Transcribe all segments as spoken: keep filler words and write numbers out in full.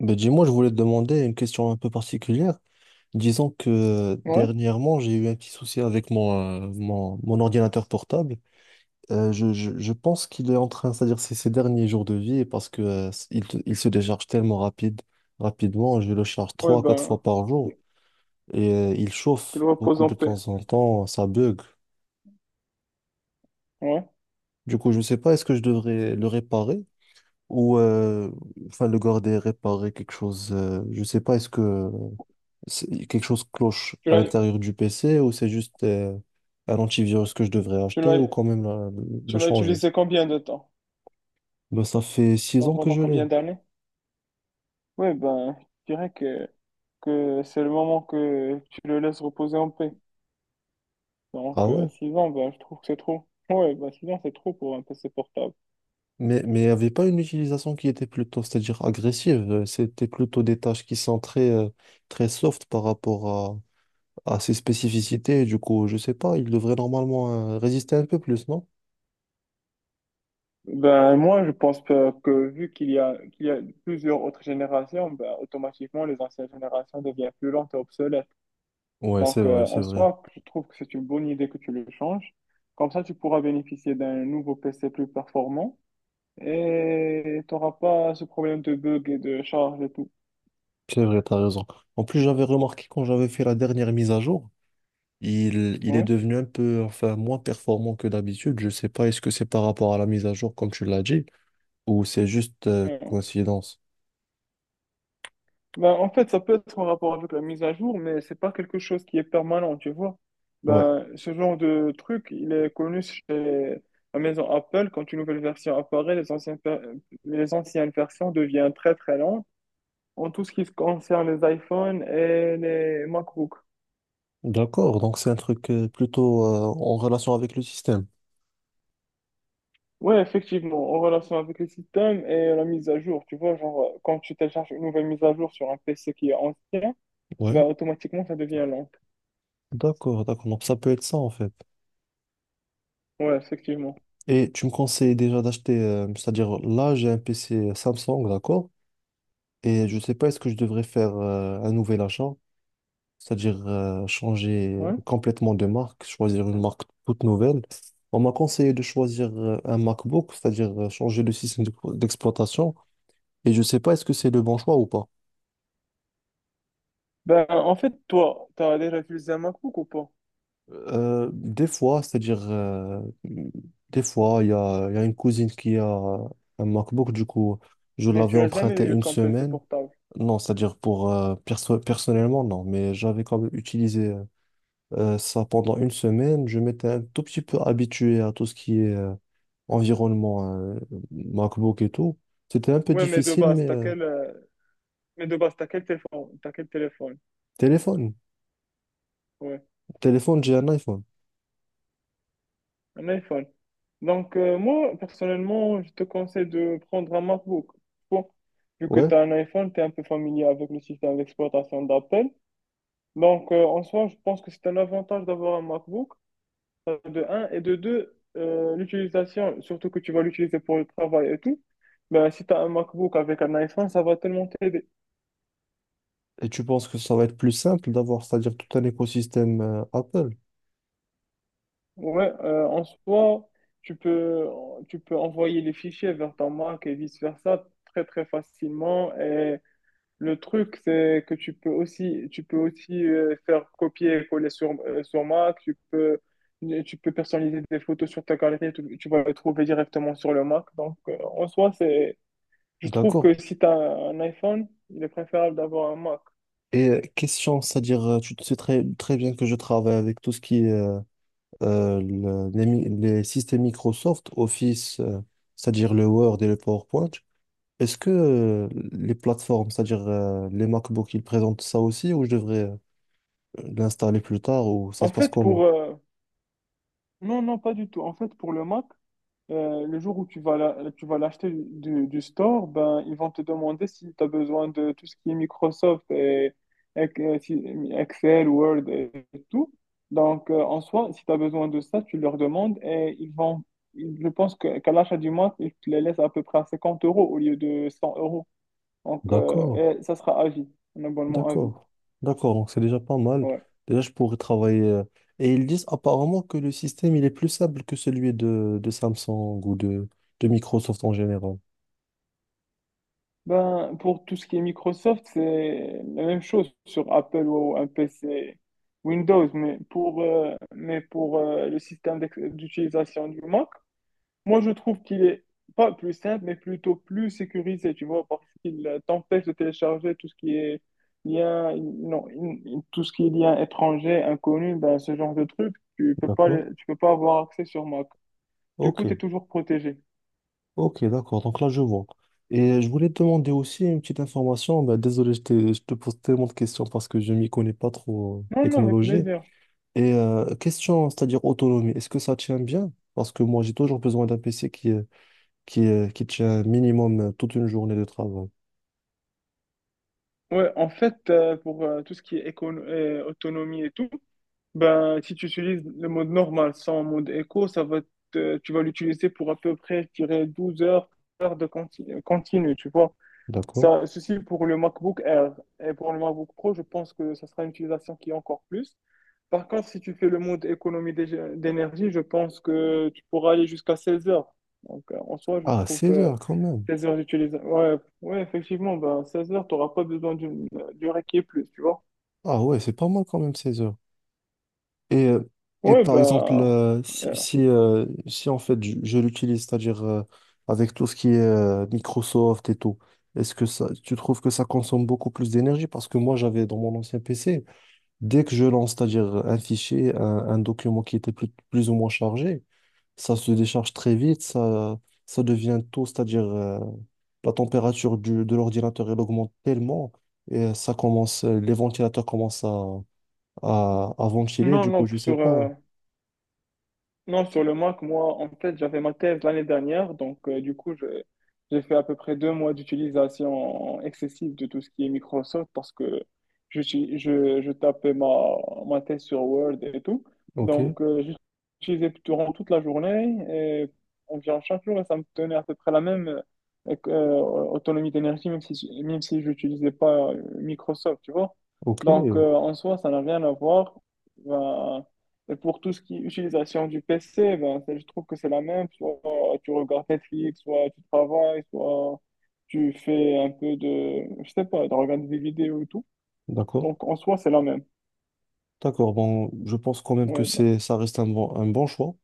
Ben dis-moi, je voulais te demander une question un peu particulière. Disons que euh, Ouais, dernièrement, j'ai eu un petit souci avec mon, euh, mon, mon ordinateur portable. Euh, je, je, je pense qu'il est en train, c'est-à-dire c'est ses derniers jours de vie, parce que euh, il, te- il se décharge tellement rapide, rapidement. Je le charge ouais, trois à quatre fois ben, par jour et euh, il chauffe qu'il repose beaucoup en de paix. temps en temps, ça bug. Ouais. Du coup, je ne sais pas, est-ce que je devrais le réparer ou euh, enfin le garder, réparer quelque chose. Euh, je ne sais pas, est-ce que C'est- quelque chose cloche Tu à l'as, l'intérieur du P C, ou c'est juste euh, un antivirus que je devrais tu acheter, l'as, ou quand même la- le tu l'as changer? utilisé combien de temps? Ben, ça fait six Genre ans que pendant je combien l'ai. d'années? Ouais, ben, je dirais que, que c'est le moment que tu le laisses reposer en paix. Ah Donc, euh, ouais? six ans, ben, je trouve que c'est trop. Ouais, ben, six ans, c'est trop pour un P C portable. Mais mais il n'y avait pas une utilisation qui était plutôt, c'est-à-dire agressive. euh, C'était plutôt des tâches qui sont très, euh, très soft par rapport à, à ses spécificités. Du coup, je sais pas, il devrait normalement euh, résister un peu plus, non? Ben, moi, je pense que, que vu qu'il y a, qu'il y a plusieurs autres générations, ben, automatiquement, les anciennes générations deviennent plus lentes et obsolètes. Ouais, c'est Donc, vrai, euh, c'est en vrai. soi, je trouve que c'est une bonne idée que tu le changes. Comme ça, tu pourras bénéficier d'un nouveau P C plus performant et tu n'auras pas ce problème de bug et de charge et tout. C'est vrai, t'as raison. En plus, j'avais remarqué quand j'avais fait la dernière mise à jour. Il, il est Ouais. devenu un peu, enfin, moins performant que d'habitude. Je sais pas, est-ce que c'est par rapport à la mise à jour, comme tu l'as dit, ou c'est juste euh, Ouais. coïncidence? Ben, en fait, ça peut être en rapport avec la mise à jour, mais c'est pas quelque chose qui est permanent, tu vois. Ouais. Ben, ce genre de truc, il est connu chez la maison Apple. Quand une nouvelle version apparaît, les anciennes, per- les anciennes versions deviennent très très lentes en tout ce qui concerne les iPhones et les MacBooks. D'accord, donc c'est un truc euh, plutôt euh, en relation avec le système. Ouais, effectivement, en relation avec les systèmes et la mise à jour, tu vois, genre, euh, quand tu télécharges une nouvelle mise à jour sur un P C qui est ancien, Ouais. ben automatiquement, ça devient lent. D'accord, d'accord. Donc ça peut être ça, en fait. Ouais, effectivement. Et tu me conseilles déjà d'acheter, euh, c'est-à-dire là, j'ai un P C Samsung, d'accord? Et je sais pas, est-ce que je devrais faire euh, un nouvel achat? C'est-à-dire euh, changer Ouais. complètement de marque, choisir une marque toute nouvelle. On m'a conseillé de choisir euh, un MacBook, c'est-à-dire euh, changer le système d'ex- d'exploitation. Et je ne sais pas, est-ce que c'est le bon choix ou pas. Ben, en fait, toi, t'as déjà utilisé un MacBook ou pas? Euh, des fois, c'est-à-dire, euh, des fois, il y a, il y a une cousine qui a un MacBook. Du coup, je Mais tu l'avais l'as jamais emprunté eu une comme P C semaine. portable. Non, c'est-à-dire pour euh, perso- personnellement, non, mais j'avais quand même utilisé euh, ça pendant une semaine. Je m'étais un tout petit peu habitué à tout ce qui est euh, environnement euh, MacBook et tout. C'était un peu Ouais, mais de difficile, base, mais t'as euh, quel, euh, mais de base, t'as quel téléphone? T'as quel téléphone? téléphone. Ouais, Téléphone, j'ai un iPhone. un iPhone. Donc, euh, moi, personnellement, je te conseille de prendre un MacBook. Bon, vu que Ouais. tu as un iPhone, tu es un peu familier avec le système d'exploitation d'Apple. Donc, euh, en soi, je pense que c'est un avantage d'avoir un MacBook, euh, de un, et de deux, euh, l'utilisation, surtout que tu vas l'utiliser pour le travail et tout, ben, si tu as un MacBook avec un iPhone, ça va tellement t'aider. Et tu penses que ça va être plus simple d'avoir, c'est-à-dire tout un écosystème euh, Apple. Ouais, euh, en soi, tu peux, tu peux envoyer les fichiers vers ton Mac et vice-versa très, très facilement. Et le truc, c'est que tu peux aussi, tu peux aussi euh, faire copier et coller sur, euh, sur Mac, tu peux, euh, tu peux personnaliser tes photos sur ta galerie, tu, tu vas les trouver directement sur le Mac. Donc, euh, en soi, c'est, je trouve D'accord. que si tu as un iPhone, il est préférable d'avoir un Mac. Et euh, question, c'est-à-dire, euh, tu sais très, très bien que je travaille avec tout ce qui est euh, euh, le- les, mi- les systèmes Microsoft, Office, euh, c'est-à-dire le Word et le PowerPoint. Est-ce que euh, les plateformes, c'est-à-dire euh, les MacBooks, ils présentent ça aussi, ou je devrais l'installer plus tard, ou ça En se passe fait, pour, comment? euh, non, non, pas du tout. En fait, pour le Mac, Euh, le jour où tu vas la- tu vas l'acheter du, du store, ben, ils vont te demander si tu as besoin de tout ce qui est Microsoft et, et que- si- Excel, Word et tout. Donc, euh, en soi, si tu as besoin de ça, tu leur demandes et ils vont, je pense que, qu'à l'achat du mois, ils te les laissent à peu près à cinquante euros au lieu de cent euros. Donc, euh, D'accord, et ça sera à vie, un abonnement à vie. d'accord, d'accord. Donc c'est déjà pas mal. Ouais. Déjà, je pourrais travailler. euh, Et ils disent apparemment que le système, il est plus simple que celui de, de Samsung, ou de, de Microsoft en général. Ben, pour tout ce qui est Microsoft, c'est la même chose sur Apple ou un P C Windows, mais pour, euh, mais pour euh, le système d'ex- d'utilisation du Mac, moi je trouve qu'il est pas plus simple, mais plutôt plus sécurisé, tu vois, parce qu'il euh, t'empêche de télécharger tout ce qui est lien, non, in- in- tout ce qui est lien étranger, inconnu, ben, ce genre de truc, tu peux pas, D'accord? le- tu peux pas avoir accès sur Mac. Du Ok. coup, tu es toujours protégé. Ok, d'accord. Donc là, je vois. Et je voulais te demander aussi une petite information. Bah, désolé, je te, je te pose tellement de questions parce que je m'y connais pas trop en Non, non, avec technologie. plaisir. Et euh, question, c'est-à-dire autonomie, est-ce que ça tient bien? Parce que moi, j'ai toujours besoin d'un P C qui, euh, qui, euh, qui tient minimum euh, toute une journée de travail. Ouais, en fait, euh, pour euh, tout ce qui est écono- euh, autonomie et tout, ben, si tu utilises le mode normal sans mode éco, ça va te- tu vas l'utiliser pour à peu près, je dirais, douze heures, heures de conti- continu, tu vois. D'accord? Ça, ceci pour le MacBook Air. Et pour le MacBook Pro, je pense que ça sera une utilisation qui est encore plus. Par contre, si tu fais le mode économie d'ég- d'énergie, je pense que tu pourras aller jusqu'à seize heures. Donc, euh, en soi, je Ah, trouve seize euh, heures quand même. seize heures d'utilisation. Ouais, ouais, effectivement, bah, seize heures, t'auras pas besoin d'une euh, durée qui est plus, tu vois. Ah ouais, c'est pas mal quand même, seize heures. Et, euh, et Ouais, par exemple, bah. euh, si, euh, si, euh, si en fait je, je l'utilise, c'est-à-dire euh, avec tout ce qui est euh, Microsoft et tout, est-ce que ça, tu trouves que ça consomme beaucoup plus d'énergie? Parce que moi, j'avais dans mon ancien P C, dès que je lance, c'est-à-dire un fichier, un, un document qui était plus, plus ou moins chargé, ça se décharge très vite. Ça, ça devient tôt, c'est-à-dire euh, la température du, de l'ordinateur, elle augmente tellement, et ça commence, les ventilateurs commencent à, à, à ventiler. non, Du coup, non, je sais sur, euh, pas. Non, sur le Mac, moi, en fait, j'avais ma thèse l'année dernière, donc euh, du coup, je- j'ai fait à peu près deux mois d'utilisation excessive de tout ce qui est Microsoft parce que je, suis- je, je tapais ma, ma thèse sur Word et tout. Ok, Donc, euh, j'utilisais durant toute la journée, et environ chaque jour, et ça me tenait à peu près la même euh, euh, autonomie d'énergie, même si, même si je n'utilisais pas euh, Microsoft, tu vois. ok, Donc, euh, euh, en soi, ça n'a rien à voir. Ben, et pour tout ce qui est utilisation du P C, ben, c'est- je trouve que c'est la même. Soit tu regardes Netflix, soit tu travailles, soit tu fais un peu de, je sais pas, de regarder des vidéos et tout. d'accord. Donc, en soi, c'est la même. D'accord, bon, je pense quand même que Ouais, ben. c'est, ça reste un bon, un bon choix.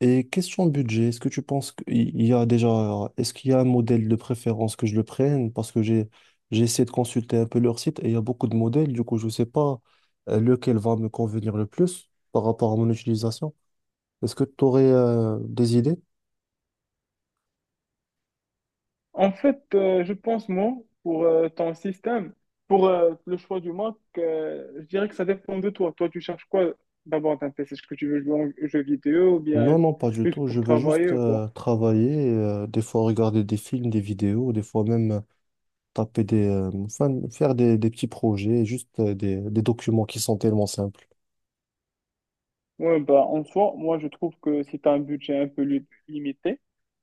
Et question budget, est-ce que tu penses qu'il y a déjà, est-ce qu'il y a un modèle de préférence que je le prenne? Parce que j'ai, j'ai essayé de consulter un peu leur site, et il y a beaucoup de modèles. Du coup, je ne sais pas euh, lequel va me convenir le plus par rapport à mon utilisation. Est-ce que tu aurais euh, des idées? En fait, euh, je pense, moi, pour euh, ton système, pour euh, le choix du Mac, euh, je dirais que ça dépend de toi. Toi, tu cherches quoi d'abord d'un P C? Est-ce que tu veux jouer aux jeux vidéo ou Non, bien non, pas du juste tout. Je pour veux juste travailler ou quoi? euh, travailler, euh, des fois regarder des films, des vidéos, des fois même taper des, euh, enfin, faire des, des petits projets, juste euh, des, des documents qui sont tellement simples. Ouais, bah, en soi, moi, je trouve que si tu as un budget un peu li- limité,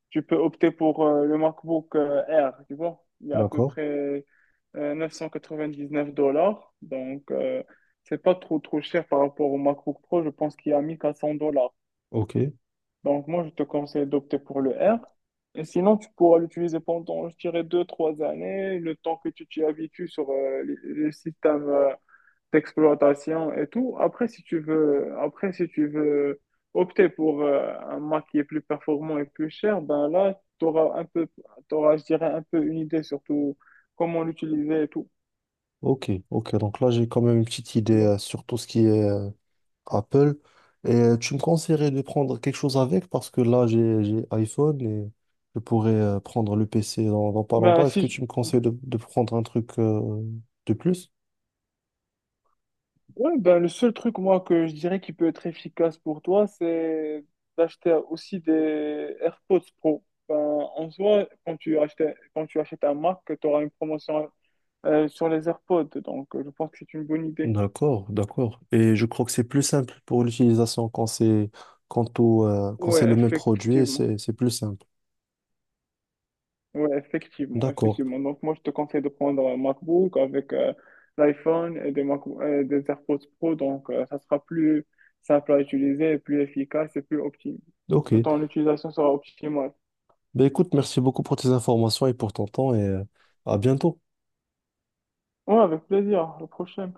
tu peux opter pour euh, le MacBook euh, Air, tu vois. Il est à peu D'accord? près euh, neuf cent quatre-vingt-dix-neuf dollars. Donc, euh, c'est pas trop, trop cher par rapport au MacBook Pro. Je pense qu'il est à mille quatre cents dollars. Ok, Donc, moi, je te conseille d'opter pour le R, et sinon, tu pourras l'utiliser pendant, je dirais, deux, trois années, le temps que tu t'y habitues sur euh, le le système d'exploitation et tout. Après, si tu veux, après, si tu veux opter pour euh, un Mac qui est plus performant et plus cher, ben là, tu auras un peu, t'auras, je dirais, un peu une idée surtout comment l'utiliser et tout, ok, ok. Donc là, j'ai quand même une petite idée tu vois. euh, sur tout ce qui est euh, Apple. Et euh, tu me conseillerais de prendre quelque chose avec, parce que là, j'ai, j'ai iPhone, et je pourrais euh, prendre le P C dans, dans pas Ben, longtemps. Est-ce si que tu me je- conseilles de, de prendre un truc euh, de plus? Ouais, ben, le seul truc, moi, que je dirais qui peut être efficace pour toi, c'est d'acheter aussi des AirPods Pro. Ben, en soi, quand tu achètes, quand tu achètes un Mac, tu auras une promotion euh, sur les AirPods. Donc, euh, je pense que c'est une bonne idée. D'accord, d'accord. Et je crois que c'est plus simple pour l'utilisation quand c'est quand au, euh, quand Ouais, c'est le même produit, effectivement. c'est c'est plus simple. Ouais, effectivement, D'accord. effectivement. Donc, moi, je te conseille de prendre un MacBook avec euh, l'iPhone et des, Mac et des AirPods Pro. Donc, euh, ça sera plus simple à utiliser, et plus efficace et plus optimal. Ok. Ton utilisation sera optimale. Ben écoute, merci beaucoup pour tes informations et pour ton temps, et euh, à bientôt. Ouais, avec plaisir. Au prochain.